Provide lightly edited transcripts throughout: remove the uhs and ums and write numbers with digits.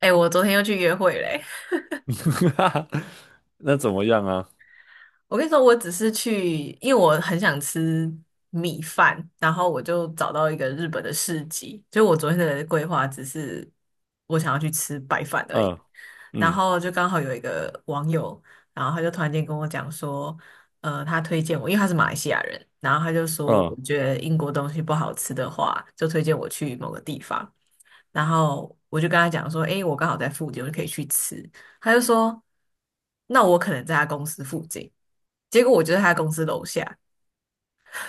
哎、我昨天又去约会嘞、那怎么样啊？我跟你说，我只是去，因为我很想吃米饭，然后我就找到一个日本的市集。就我昨天的规划只是我想要去吃白饭而已。嗯然嗯后就刚好有一个网友，然后他就突然间跟我讲说，他推荐我，因为他是马来西亚人，然后他就说，我嗯，觉得英国东西不好吃的话，就推荐我去某个地方。然后我就跟他讲说，诶，我刚好在附近，我就可以去吃。他就说，那我可能在他公司附近。结果我就在他公司楼下，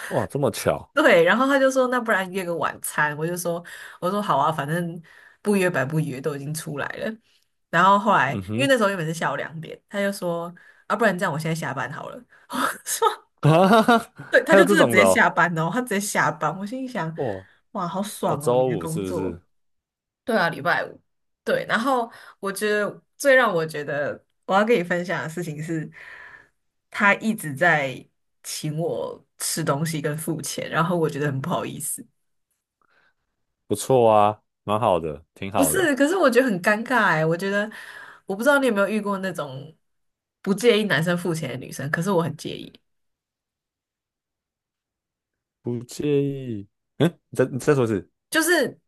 哇，这么巧。对。然后他就说，那不然约个晚餐。我就说，我说好啊，反正不约白不约，都已经出来了。然后后来，嗯因为哼。那时候原本是下午2点，他就说，啊，不然这样，我现在下班好了。说，啊，对，他还有就这真的直种的接下哦。班哦，他直接下班。我心里想，哇。哇，好哦，爽哦，你周的五工是不作。是？对啊，礼拜五。对，然后我觉得最让我觉得我要跟你分享的事情是，他一直在请我吃东西跟付钱，然后我觉得很不好意思。不错啊，蛮好的，挺不好的。是，可是我觉得很尴尬哎，我觉得我不知道你有没有遇过那种不介意男生付钱的女生，可是我很介意。不介意。嗯，你再说一次。就是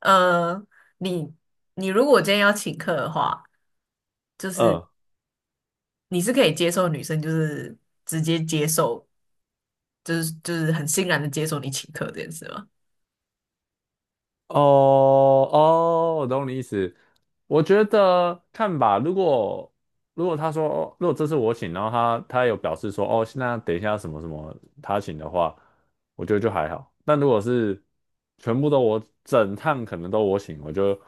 呃，你你如果今天要请客的话，就是嗯。你是可以接受女生就是直接接受就是很欣然的接受你请客这件事吗？哦哦，我懂你意思。我觉得看吧。如果他说，哦，如果这是我请，然后他有表示说，哦，那等一下什么什么他请的话，我觉得就还好。但如果是全部都我整趟可能都我请，我就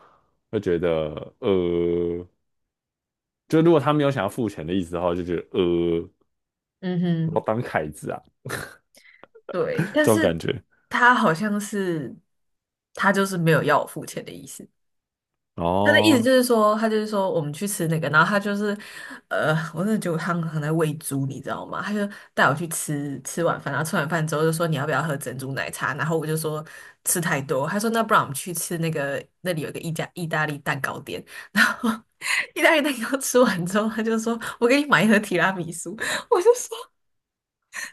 会觉得，呃，就如果他没有想要付钱的意思的话，我就觉得，嗯我哼，当凯子啊，对，但这种感是觉。他好像是他就是没有要我付钱的意思。他的意思哦，就是说，他就是说我们去吃那个，然后他就是，我真的觉得他很在喂猪，你知道吗？他就带我去吃晚饭，然后吃完饭之后就说你要不要喝珍珠奶茶，然后我就说吃太多，他说那不然我们去吃那个那里有个意大利蛋糕店，然后 意大利蛋糕吃完之后，他就说我给你买一盒提拉米苏，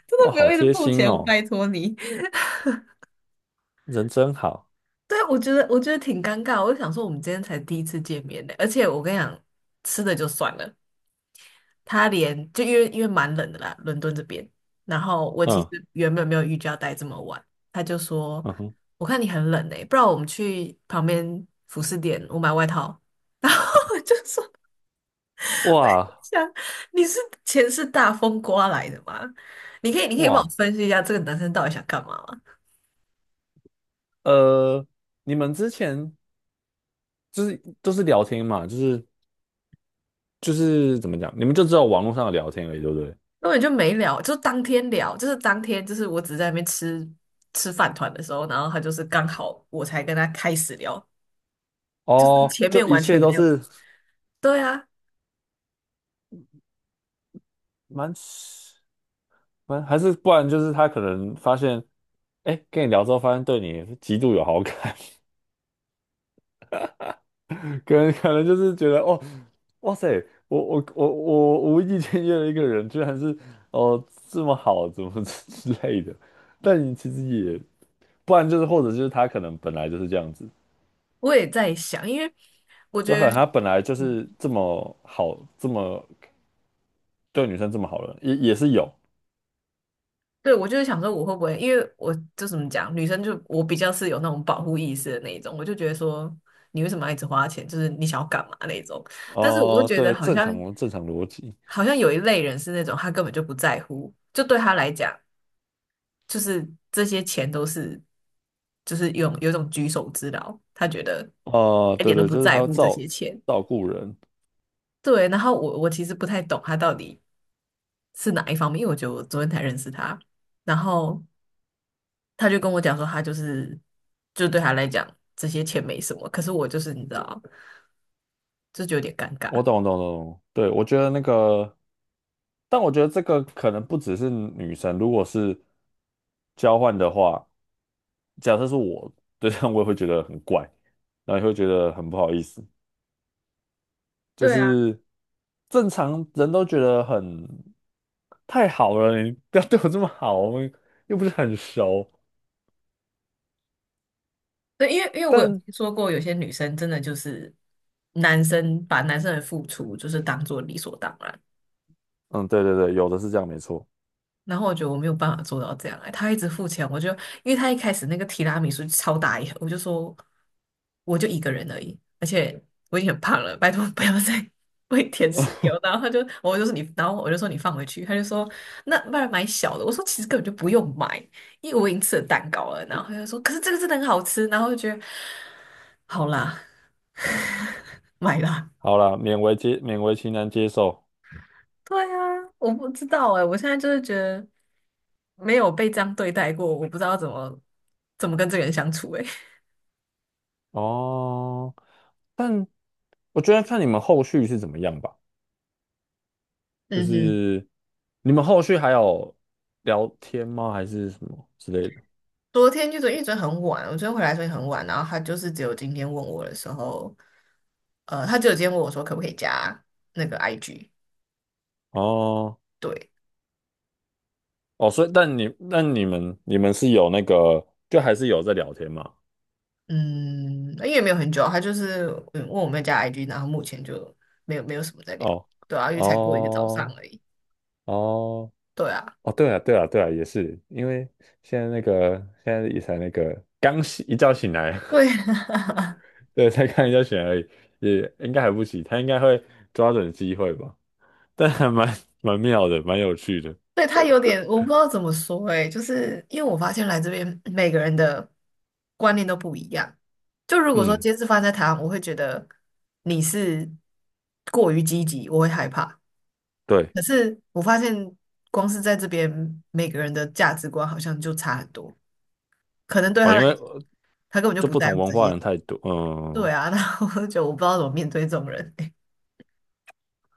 真哇，的不好用一直贴付心钱，我哦，拜托你。人真好。对，我觉得我觉得挺尴尬。我就想说，我们今天才第一次见面呢，而且我跟你讲，吃的就算了，他连就因为蛮冷的啦，伦敦这边。然后我其实嗯。原本没有预计要待这么晚，他就说：嗯哼。“我看你很冷诶，不然我们去旁边服饰店，我买外套。哇想你是钱是大风刮来的吗？你可以帮我哇，分析一下这个男生到底想干嘛吗？呃，你们之前就是都是聊天嘛，就是怎么讲，你们就只有网络上的聊天而已，对不对？根本就没聊，就当天聊，就是当天就是我只是在那边吃饭团的时候，然后他就是刚好我才跟他开始聊，就是哦，前就面一完切全没都有。是对啊，蛮还是不然就是他可能发现，哎，跟你聊之后发现对你极度有好感。可能就是觉得哦，哇塞，我无意间约了一个人，居然是哦，这么好，怎么之类的。但你其实也，不然就是或者就是他可能本来就是这样子，我也在想，因为我就可觉能得，他本来就嗯，是这么好，这么对女生这么好的，也是有。对，我就是想说我会不会，因为我就怎么讲，女生就我比较是有那种保护意识的那一种，我就觉得说你为什么要一直花钱，就是你想要干嘛那一种。但是我又哦、觉对得了，好正常像正常逻辑。好像有一类人是那种他根本就不在乎，就对他来讲。就是这些钱都是，就是有一种举手之劳，他觉得哦、一对点都对，不就是他在要乎这照些钱。照顾人。对，然后我其实不太懂他到底是哪一方面，因为我觉得我昨天才认识他，然后他就跟我讲说，他就是就对他来讲这些钱没什么，可是我就是你知道，这就有点尴我尬。懂懂懂懂，对我觉得那个。但我觉得这个可能不只是女生，如果是交换的话，假设是我对象，我也会觉得很怪，然后也会觉得很不好意思。就对啊，是正常人都觉得很太好了，你不要对我这么好，我们又不是很熟。对，因为我有但听说过，有些女生真的就是男生把男生的付出就是当做理所当然。嗯，对对对，有的是这样，没错。然后我觉得我没有办法做到这样，哎，他一直付钱，我就因为他一开始那个提拉米苏超大一盒，我就说我就一个人而已，而且我已经很胖了，拜托不要再 喂甜食给我。然后他就我就说你，然后我就说你放回去，他就说那不然买小的。我说其实根本就不用买，因为我已经吃了蛋糕了。然后他就说可是这个真的很好吃，然后我就觉得好啦，买啦。好啦，勉为其难接受。对啊，我不知道哎，我现在就是觉得没有被这样对待过，我不知道怎么跟这个人相处哎。哦。但我觉得看你们后续是怎么样吧。就嗯哼，是你们后续还有聊天吗？还是什么之类的？昨天就昨因为昨天很晚，我昨天回来所以很晚，然后他就是只有今天问我的时候，他只有今天问我说可不可以加那个 IG，哦对，哦，所以但你们是有那个，就还是有在聊天嘛？嗯，因为也没有很久，他就是嗯问我们加 IG，然后目前就没有什么在聊，哦对啊，因为才过一个早上哦而已，哦对啊，哦，对啊对啊对啊，也是因为现在那个现在也才那个刚醒一觉醒来，对，对，才刚一觉醒来而已。也应该还不起，他应该会抓准机会吧？但还蛮妙的，蛮有趣的。对，他有点，我不知道怎么说诶，就是因为我发现来这边每个人的观念都不一样。就如果说嗯，今天是发生在台湾，我会觉得你是过于积极，我会害怕。对。可是我发现光是在这边，每个人的价值观好像就差很多。可能对他哦，来因讲，为他根本就就不不在同乎文这化些。人太多。对嗯。啊，然后我就觉得我不知道怎么面对这种人欸。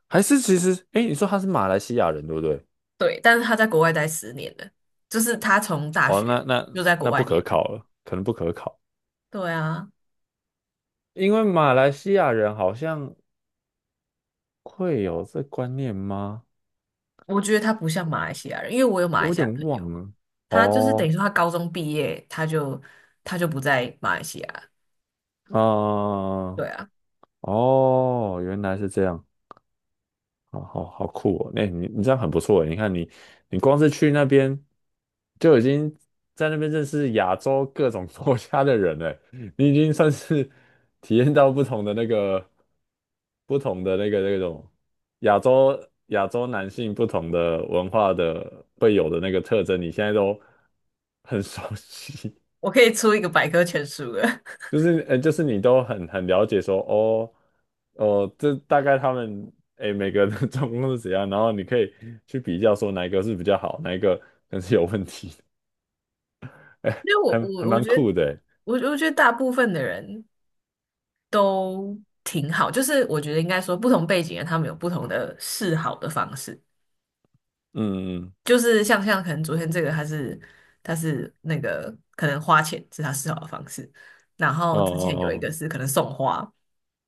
还是其实，哎，你说他是马来西亚人对不对？对，但是他在国外待10年了，就是他从大哦，那学那就在国那外不可念了。考了，可能不可考，对啊。因为马来西亚人好像会有这观念吗？我觉得他不像马来西亚人，因为我有马我来有西亚点朋友，忘了。他就是等哦，于说他高中毕业，他就不在马来西亚了。啊、对啊，哦，原来是这样。好好好酷哦！那你这样很不错诶。你看你，你光是去那边就已经在那边认识亚洲各种 国家的人了，你已经算是 体验到不同的那个那种亚洲亚洲男性不同的文化的会有的那个特征，你现在都很熟悉。我可以出一个百科全书了，就是就是你都很了解说，哦哦，这大概他们哎每个的 状况是怎样，然后你可以去比较说哪一个是比较好，哪一个可能是有问题的。哎，因为我还我我蛮觉得酷的欸。哎。我我觉得大部分的人都挺好，就是我觉得应该说不同背景的他们有不同的示好的方式。嗯。嗯。就是像可能昨天这个他是那个可能花钱是他思考的方式，然后之前有一哦个是可能送花，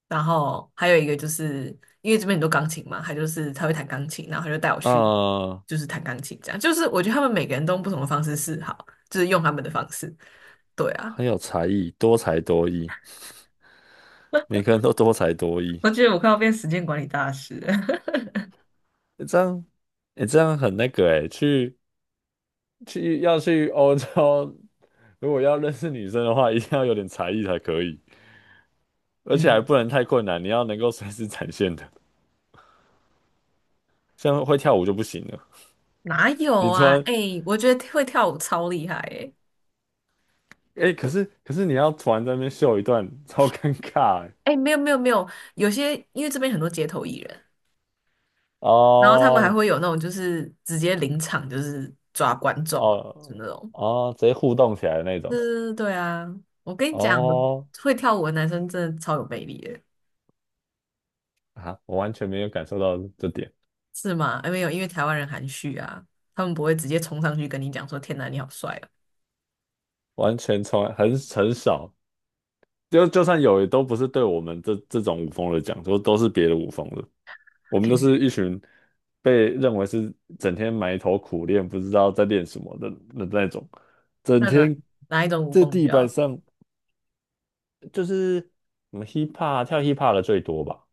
然后还有一个就是因为这边很多钢琴嘛，他就是他会弹钢琴，然后他就带我哦去哦，就是弹钢琴这样，就是我觉得他们每个人都用不同的方式示好，就是用他们的方式，啊、对啊。很有才艺，多才多艺，每个人都多才多艺。我觉得我快要变时间管理大师了。诶这样哎这样很那个哎，要去欧洲，如果要认识女生的话，一定要有点才艺才可以。而嗯，且还不能太困难，你要能够随时展现的，像会跳舞就不行了。哪有你突啊？然，哎、我觉得会跳舞超厉害哎、哎、可是你要突然在那边秀一段，超尴尬欸。哎、没有没有没有，有些因为这边很多街头艺人，然后他们还哦会有那种就是直接临场就是抓观众啊，就哦那种。哦，直接互动起来的那嗯，对种。对对啊，我跟你讲，我哦会跳舞的男生真的超有魅力的，啊，我完全没有感受到这点，是吗？哎没有，因为台湾人含蓄啊，他们不会直接冲上去跟你讲说“天哪，你好帅啊！” 完全从来很少，就算有，也都不是对我们这种舞风的讲，说都是别的舞风的。我 们都你是一群被认为是整天埋头苦练，不知道在练什么的那种，整那哪天哪一种舞在风比地板较？上。就是我们 hip hop 跳 hip hop 的最多吧。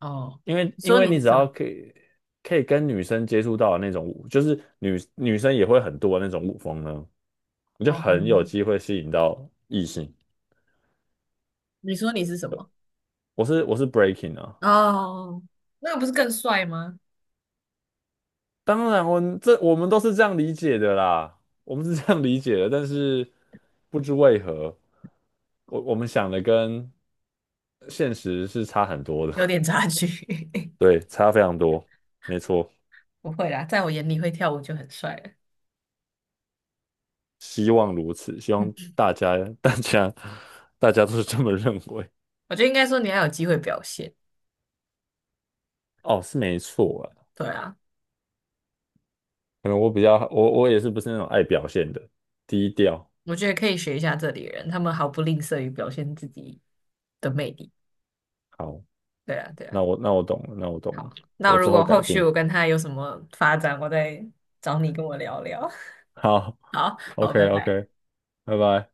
哦，因为你因说为你是你只什要么？可以跟女生接触到的那种舞，就是女生也会很多的那种舞风呢，你就哦，很有机会吸引到异性。你说你是什么？我是 breaking 啊。哦，那不是更帅吗？当然我们都是这样理解的啦，我们是这样理解的，但是不知为何，我们想的跟现实是差很多有的。点差距，对，差非常多，没错。不会啦，在我眼里会跳舞就很帅了。希望如此，希望大家 大家都是这么认为。我觉得应该说你还有机会表现。哦，是没错啊。对啊，可能我比较我也是不是那种爱表现的，低调。我觉得可以学一下这里人，他们毫不吝啬于表现自己的魅力。好，对啊，对啊。那我懂了，那我懂好，了，那我如之后果改后续进。我跟他有什么发展，我再找你跟我聊聊。好 好好，拜，OK 拜。OK，拜拜。